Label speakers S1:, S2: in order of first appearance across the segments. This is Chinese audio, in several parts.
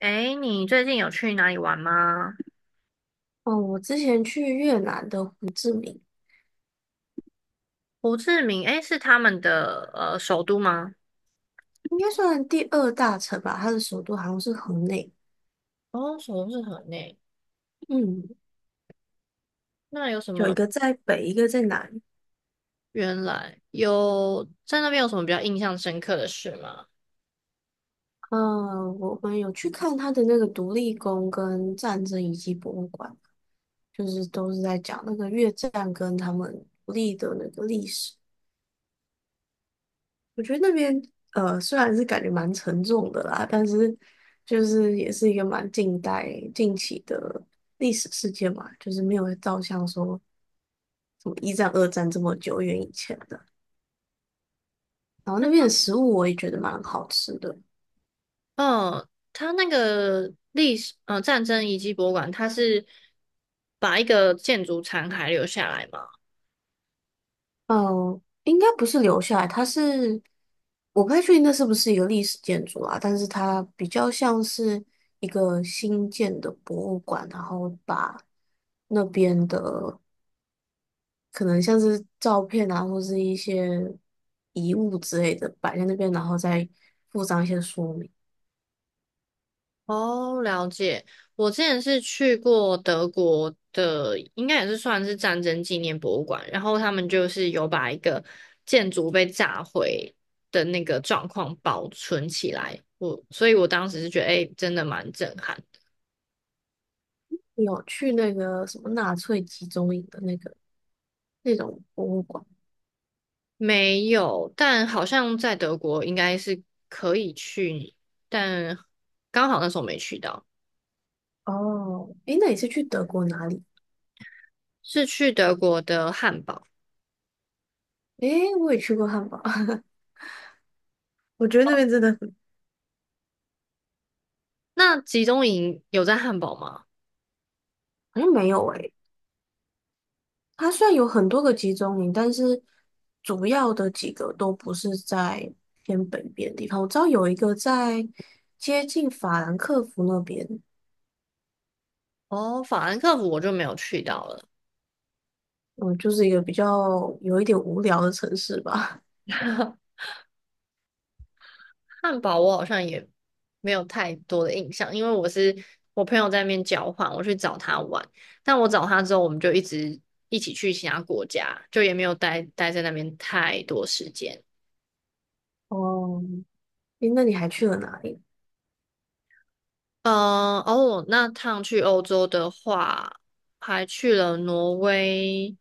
S1: 诶，你最近有去哪里玩吗？
S2: 哦，我之前去越南的胡志明，
S1: 胡志明，诶，是他们的首都吗？
S2: 应该算第二大城吧，它的首都好像是河内。
S1: 哦，首都是河内。
S2: 嗯，
S1: 那有什
S2: 有一
S1: 么？
S2: 个在北，一个在南。
S1: 原来有在那边有什么比较印象深刻的事吗？
S2: 嗯，我们有去看它的那个独立宫跟战争遗迹博物馆，就是都是在讲那个越战跟他们独立的那个历史。我觉得那边虽然是感觉蛮沉重的啦，但是就是也是一个蛮近代近期的历史事件嘛，就是没有照相说什么一战、二战这么久远以前的。然后那边的食物我也觉得蛮好吃的，
S1: 嗯，他那个历史，战争遗迹博物馆，它是把一个建筑残骸留下来吗？
S2: 嗯，应该不是留下来，它是我不太确定那是不是一个历史建筑啊，但是它比较像是一个新建的博物馆，然后把那边的可能像是照片啊，或是一些遗物之类的摆在那边，然后再附上一些说明。
S1: 哦，了解。我之前是去过德国的，应该也是算是战争纪念博物馆，然后他们就是有把一个建筑被炸毁的那个状况保存起来。所以我当时是觉得，哎、真的蛮震撼。
S2: 你有去那个什么纳粹集中营的那个那种博物馆？
S1: 没有，但好像在德国应该是可以去，但刚好那时候没去到，
S2: 哦，诶，那你是去德国哪里？
S1: 是去德国的汉堡。
S2: 诶，我也去过汉堡，我觉得那边真的很，
S1: 那集中营有在汉堡吗？
S2: 好像没有诶。它虽然有很多个集中营，但是主要的几个都不是在偏北边的地方。我知道有一个在接近法兰克福那边，
S1: 哦，法兰克福我就没有去到了。
S2: 嗯，就是一个比较有一点无聊的城市吧。
S1: 汉堡我好像也没有太多的印象，因为我朋友在那边交换，我去找他玩。但我找他之后，我们就一直一起去其他国家，就也没有待在那边太多时间。
S2: 哦，诶，那你还去了哪里？
S1: 嗯，哦，那趟去欧洲的话，还去了挪威、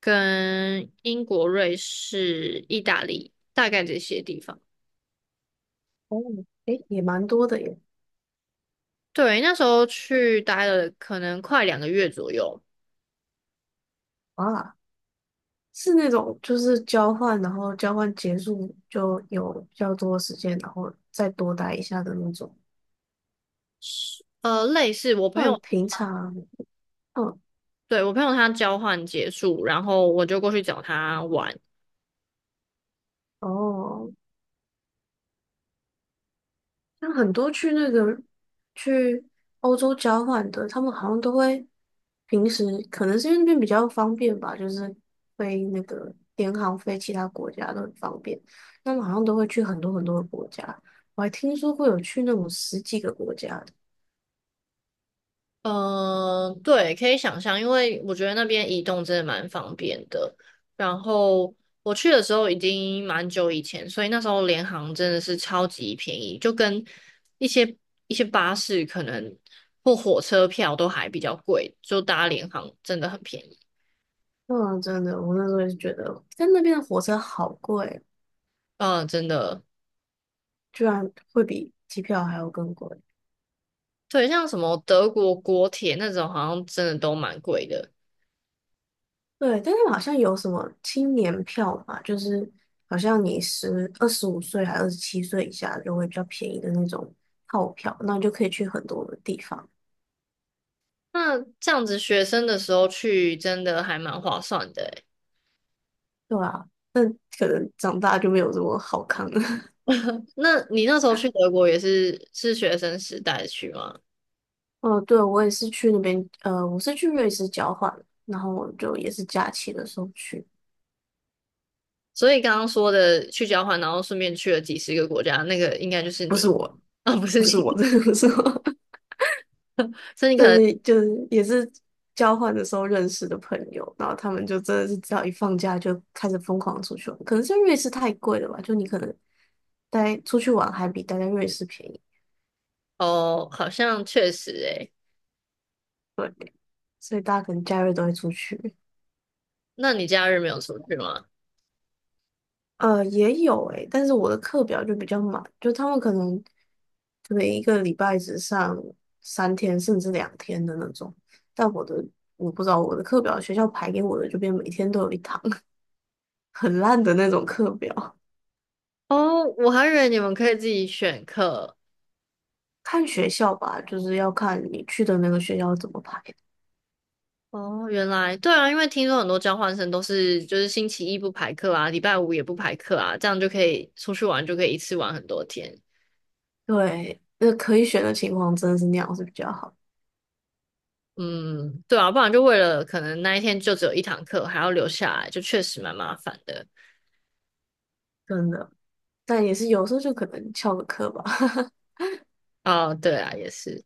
S1: 跟英国、瑞士、意大利，大概这些地方。
S2: 哦，诶，也蛮多的耶。
S1: 对，那时候去待了可能快两个月左右。
S2: 啊，是那种就是交换，然后交换结束就有比较多时间，然后再多待一下的那种。
S1: 呃，类似我
S2: 不
S1: 朋
S2: 然
S1: 友
S2: 平常，嗯，
S1: 对，我朋友他交换结束，然后我就过去找他玩。
S2: 哦，像很多去那个去欧洲交换的，他们好像都会平时可能是因为那边比较方便吧，就是飞那个联航飞其他国家都很方便。他们好像都会去很多很多的国家，我还听说会有去那种十几个国家的。
S1: 嗯、对，可以想象，因为我觉得那边移动真的蛮方便的。然后我去的时候已经蛮久以前，所以那时候联航真的是超级便宜，就跟一些一些巴士可能或火车票都还比较贵，就搭联航真的很便宜。
S2: 嗯，真的，我那时候也是觉得在那边的火车好贵哦，
S1: 嗯、真的，
S2: 居然会比机票还要更贵。
S1: 对，像什么德国国铁那种好像真的都蛮贵的。
S2: 对，但是好像有什么青年票嘛，就是好像你十二15岁还27岁以下就会比较便宜的那种套票，那你就可以去很多的地方，
S1: 那这样子学生的时候去真的还蛮划算的诶。
S2: 对啊，可能长大就没有这么好看了。
S1: 那你那时候去德国也是学生时代去吗？
S2: 哦，对，我也是去那边，呃，我是去瑞士交换，然后就也是假期的时候去，
S1: 所以刚刚说的去交换，然后顺便去了几十个国家，那个应该就是
S2: 不是
S1: 你
S2: 我，
S1: 啊，不是
S2: 不是我，
S1: 你，
S2: 真的不是我。
S1: 所以你可
S2: 但
S1: 能
S2: 是就是也是交换的时候认识的朋友，然后他们就真的是只要一放假就开始疯狂出去玩，可能是因为瑞士太贵了吧，就你可能待出去玩还比待在瑞士便宜，
S1: 哦，好像确实诶。
S2: 所以大家可能假日都会出去。
S1: 那你假日没有出去吗？
S2: 呃，也有诶、但是我的课表就比较满，就他们可能一个礼拜只上3天甚至2天的那种，但我不知道我的课表学校排给我的就变每天都有一堂 很烂的那种课表。
S1: 哦，我还以为你们可以自己选课。
S2: 看学校吧，就是要看你去的那个学校怎么排。
S1: 哦，原来对啊，因为听说很多交换生都是就是星期一不排课啊，礼拜五也不排课啊，这样就可以出去玩，就可以一次玩很多天。
S2: 对，那可以选的情况真的是那样是比较好，
S1: 嗯，对啊，不然就为了可能那一天就只有一堂课，还要留下来，就确实蛮麻烦的。
S2: 真的。但也是有时候就可能翘个课吧。
S1: 哦，对啊，也是。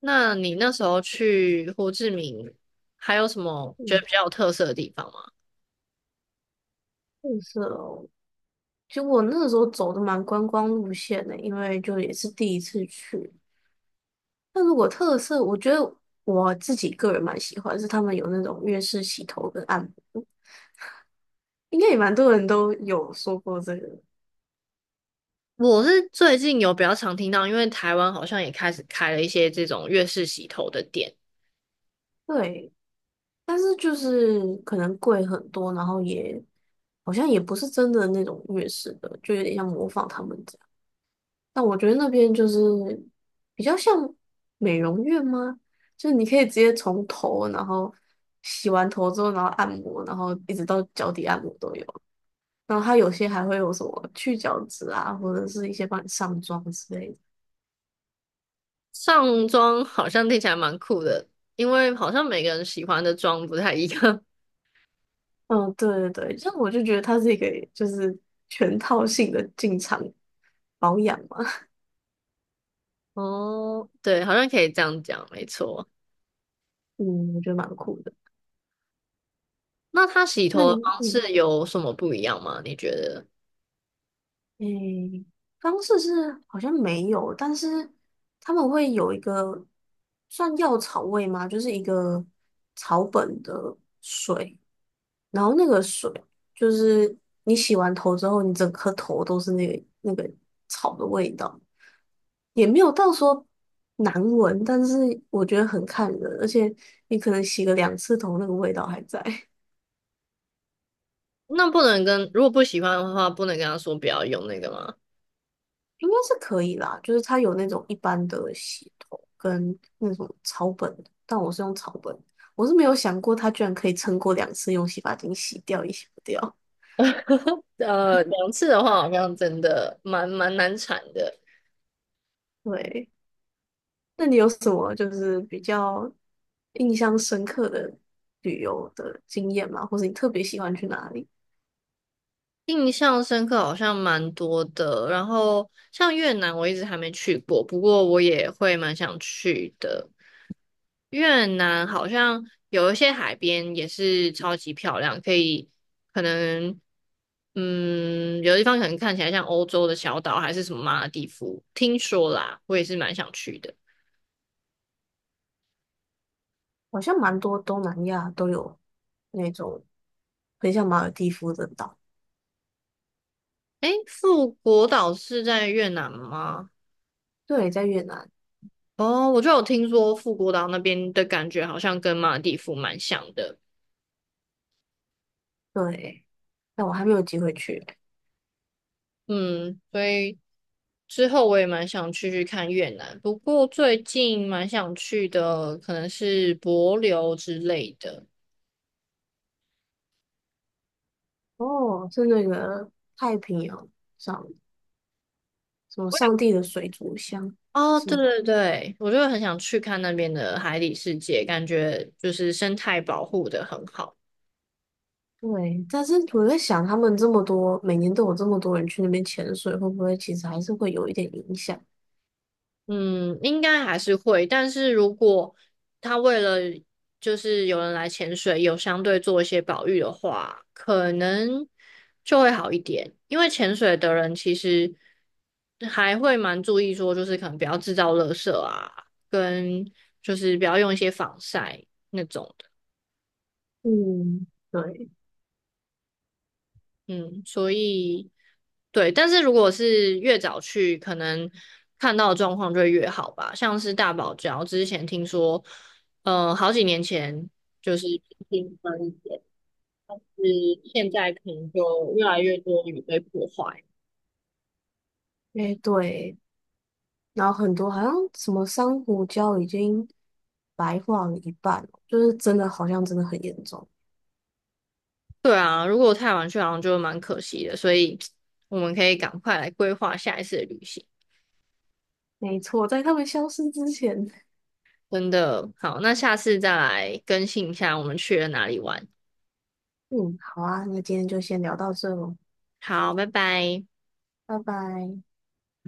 S1: 那你那时候去胡志明，还有什么觉得
S2: 嗯，
S1: 比较有特色的地方吗？
S2: 特色哦。其实我那个时候走的蛮观光路线的，因为就也是第一次去。那如果特色，我觉得我自己个人蛮喜欢，是他们有那种粤式洗头跟按摩，应该也蛮多人都有说过这个。
S1: 我是最近有比较常听到，因为台湾好像也开始开了一些这种粤式洗头的店，
S2: 对，但是就是可能贵很多，然后也好像也不是真的那种粤式的，就有点像模仿他们这样。但我觉得那边就是比较像美容院吗？就是你可以直接从头，然后洗完头之后，然后按摩，然后一直到脚底按摩都有。然后它有些还会有什么去角质啊，或者是一些帮你上妆之类的。
S1: 上妆好像听起来蛮酷的，因为好像每个人喜欢的妆不太一样。
S2: 嗯，对对对，这样我就觉得它是一个就是全套性的进场保养嘛。
S1: 哦，对，好像可以这样讲，没错。
S2: 嗯，我觉得蛮酷的。
S1: 那他洗
S2: 那
S1: 头
S2: 你，
S1: 的方
S2: 嗯，
S1: 式有什么不一样吗？你觉得？
S2: 诶，方式是好像没有，但是他们会有一个算药草味吗？就是一个草本的水，然后那个水就是你洗完头之后，你整颗头都是那个草的味道，也没有到说难闻，但是我觉得很看人，而且你可能洗个2次头，那个味道还在。
S1: 那不能跟，如果不喜欢的话，不能跟他说不要用那个吗？
S2: 应该是可以啦，就是它有那种一般的洗头跟那种草本的但我是用草本的我是没有想过它居然可以撑过两次用洗发精洗掉也洗不掉。
S1: 两次的话好像真的蛮难产的，
S2: 对，那你有什么就是比较印象深刻的旅游的经验吗？或者你特别喜欢去哪里？
S1: 印象深刻好像蛮多的。然后像越南，我一直还没去过，不过我也会蛮想去的。越南好像有一些海边也是超级漂亮，可能有的地方可能看起来像欧洲的小岛，还是什么马尔地夫，听说啦，我也是蛮想去的。
S2: 好像蛮多东南亚都有那种很像马尔地夫的岛，
S1: 诶，富国岛是在越南吗？
S2: 对，在越南，
S1: 哦，我就有听说富国岛那边的感觉好像跟马尔地夫蛮像的，
S2: 对，但我还没有机会去。
S1: 嗯，所以之后我也蛮想去看越南，不过最近蛮想去的可能是帛琉之类的。
S2: 哦，是那个太平洋上什么上帝的水族箱
S1: 哦，
S2: 是
S1: 对
S2: 吗？
S1: 对对，我就很想去看那边的海底世界，感觉就是生态保护的很好。
S2: 对，但是我在想，他们这么多，每年都有这么多人去那边潜水，会不会其实还是会有一点影响？
S1: 嗯，应该还是会，但是如果他为了就是有人来潜水，有相对做一些保育的话，可能就会好一点。因为潜水的人其实还会蛮注意说，就是可能不要制造垃圾啊，跟就是不要用一些防晒那种。
S2: 嗯，对，
S1: 嗯，所以对，但是如果是越早去，可能看到的状况就会越好吧。像是大堡礁之前听说，好几年前就是平分一点，是现在可能就越来越多鱼被破坏。
S2: 诶，对，然后很多好像什么珊瑚礁已经白化了一半了就是真的好像真的很严重。
S1: 对啊，如果太晚去，好像就蛮可惜的，所以我们可以赶快来规划下一次的旅行。
S2: 没错，在他们消失之前，
S1: 真的好，那下次再来更新一下我们去了哪里玩。
S2: 嗯，好啊，那今天就先聊到这喽，
S1: 好，拜拜。
S2: 拜拜。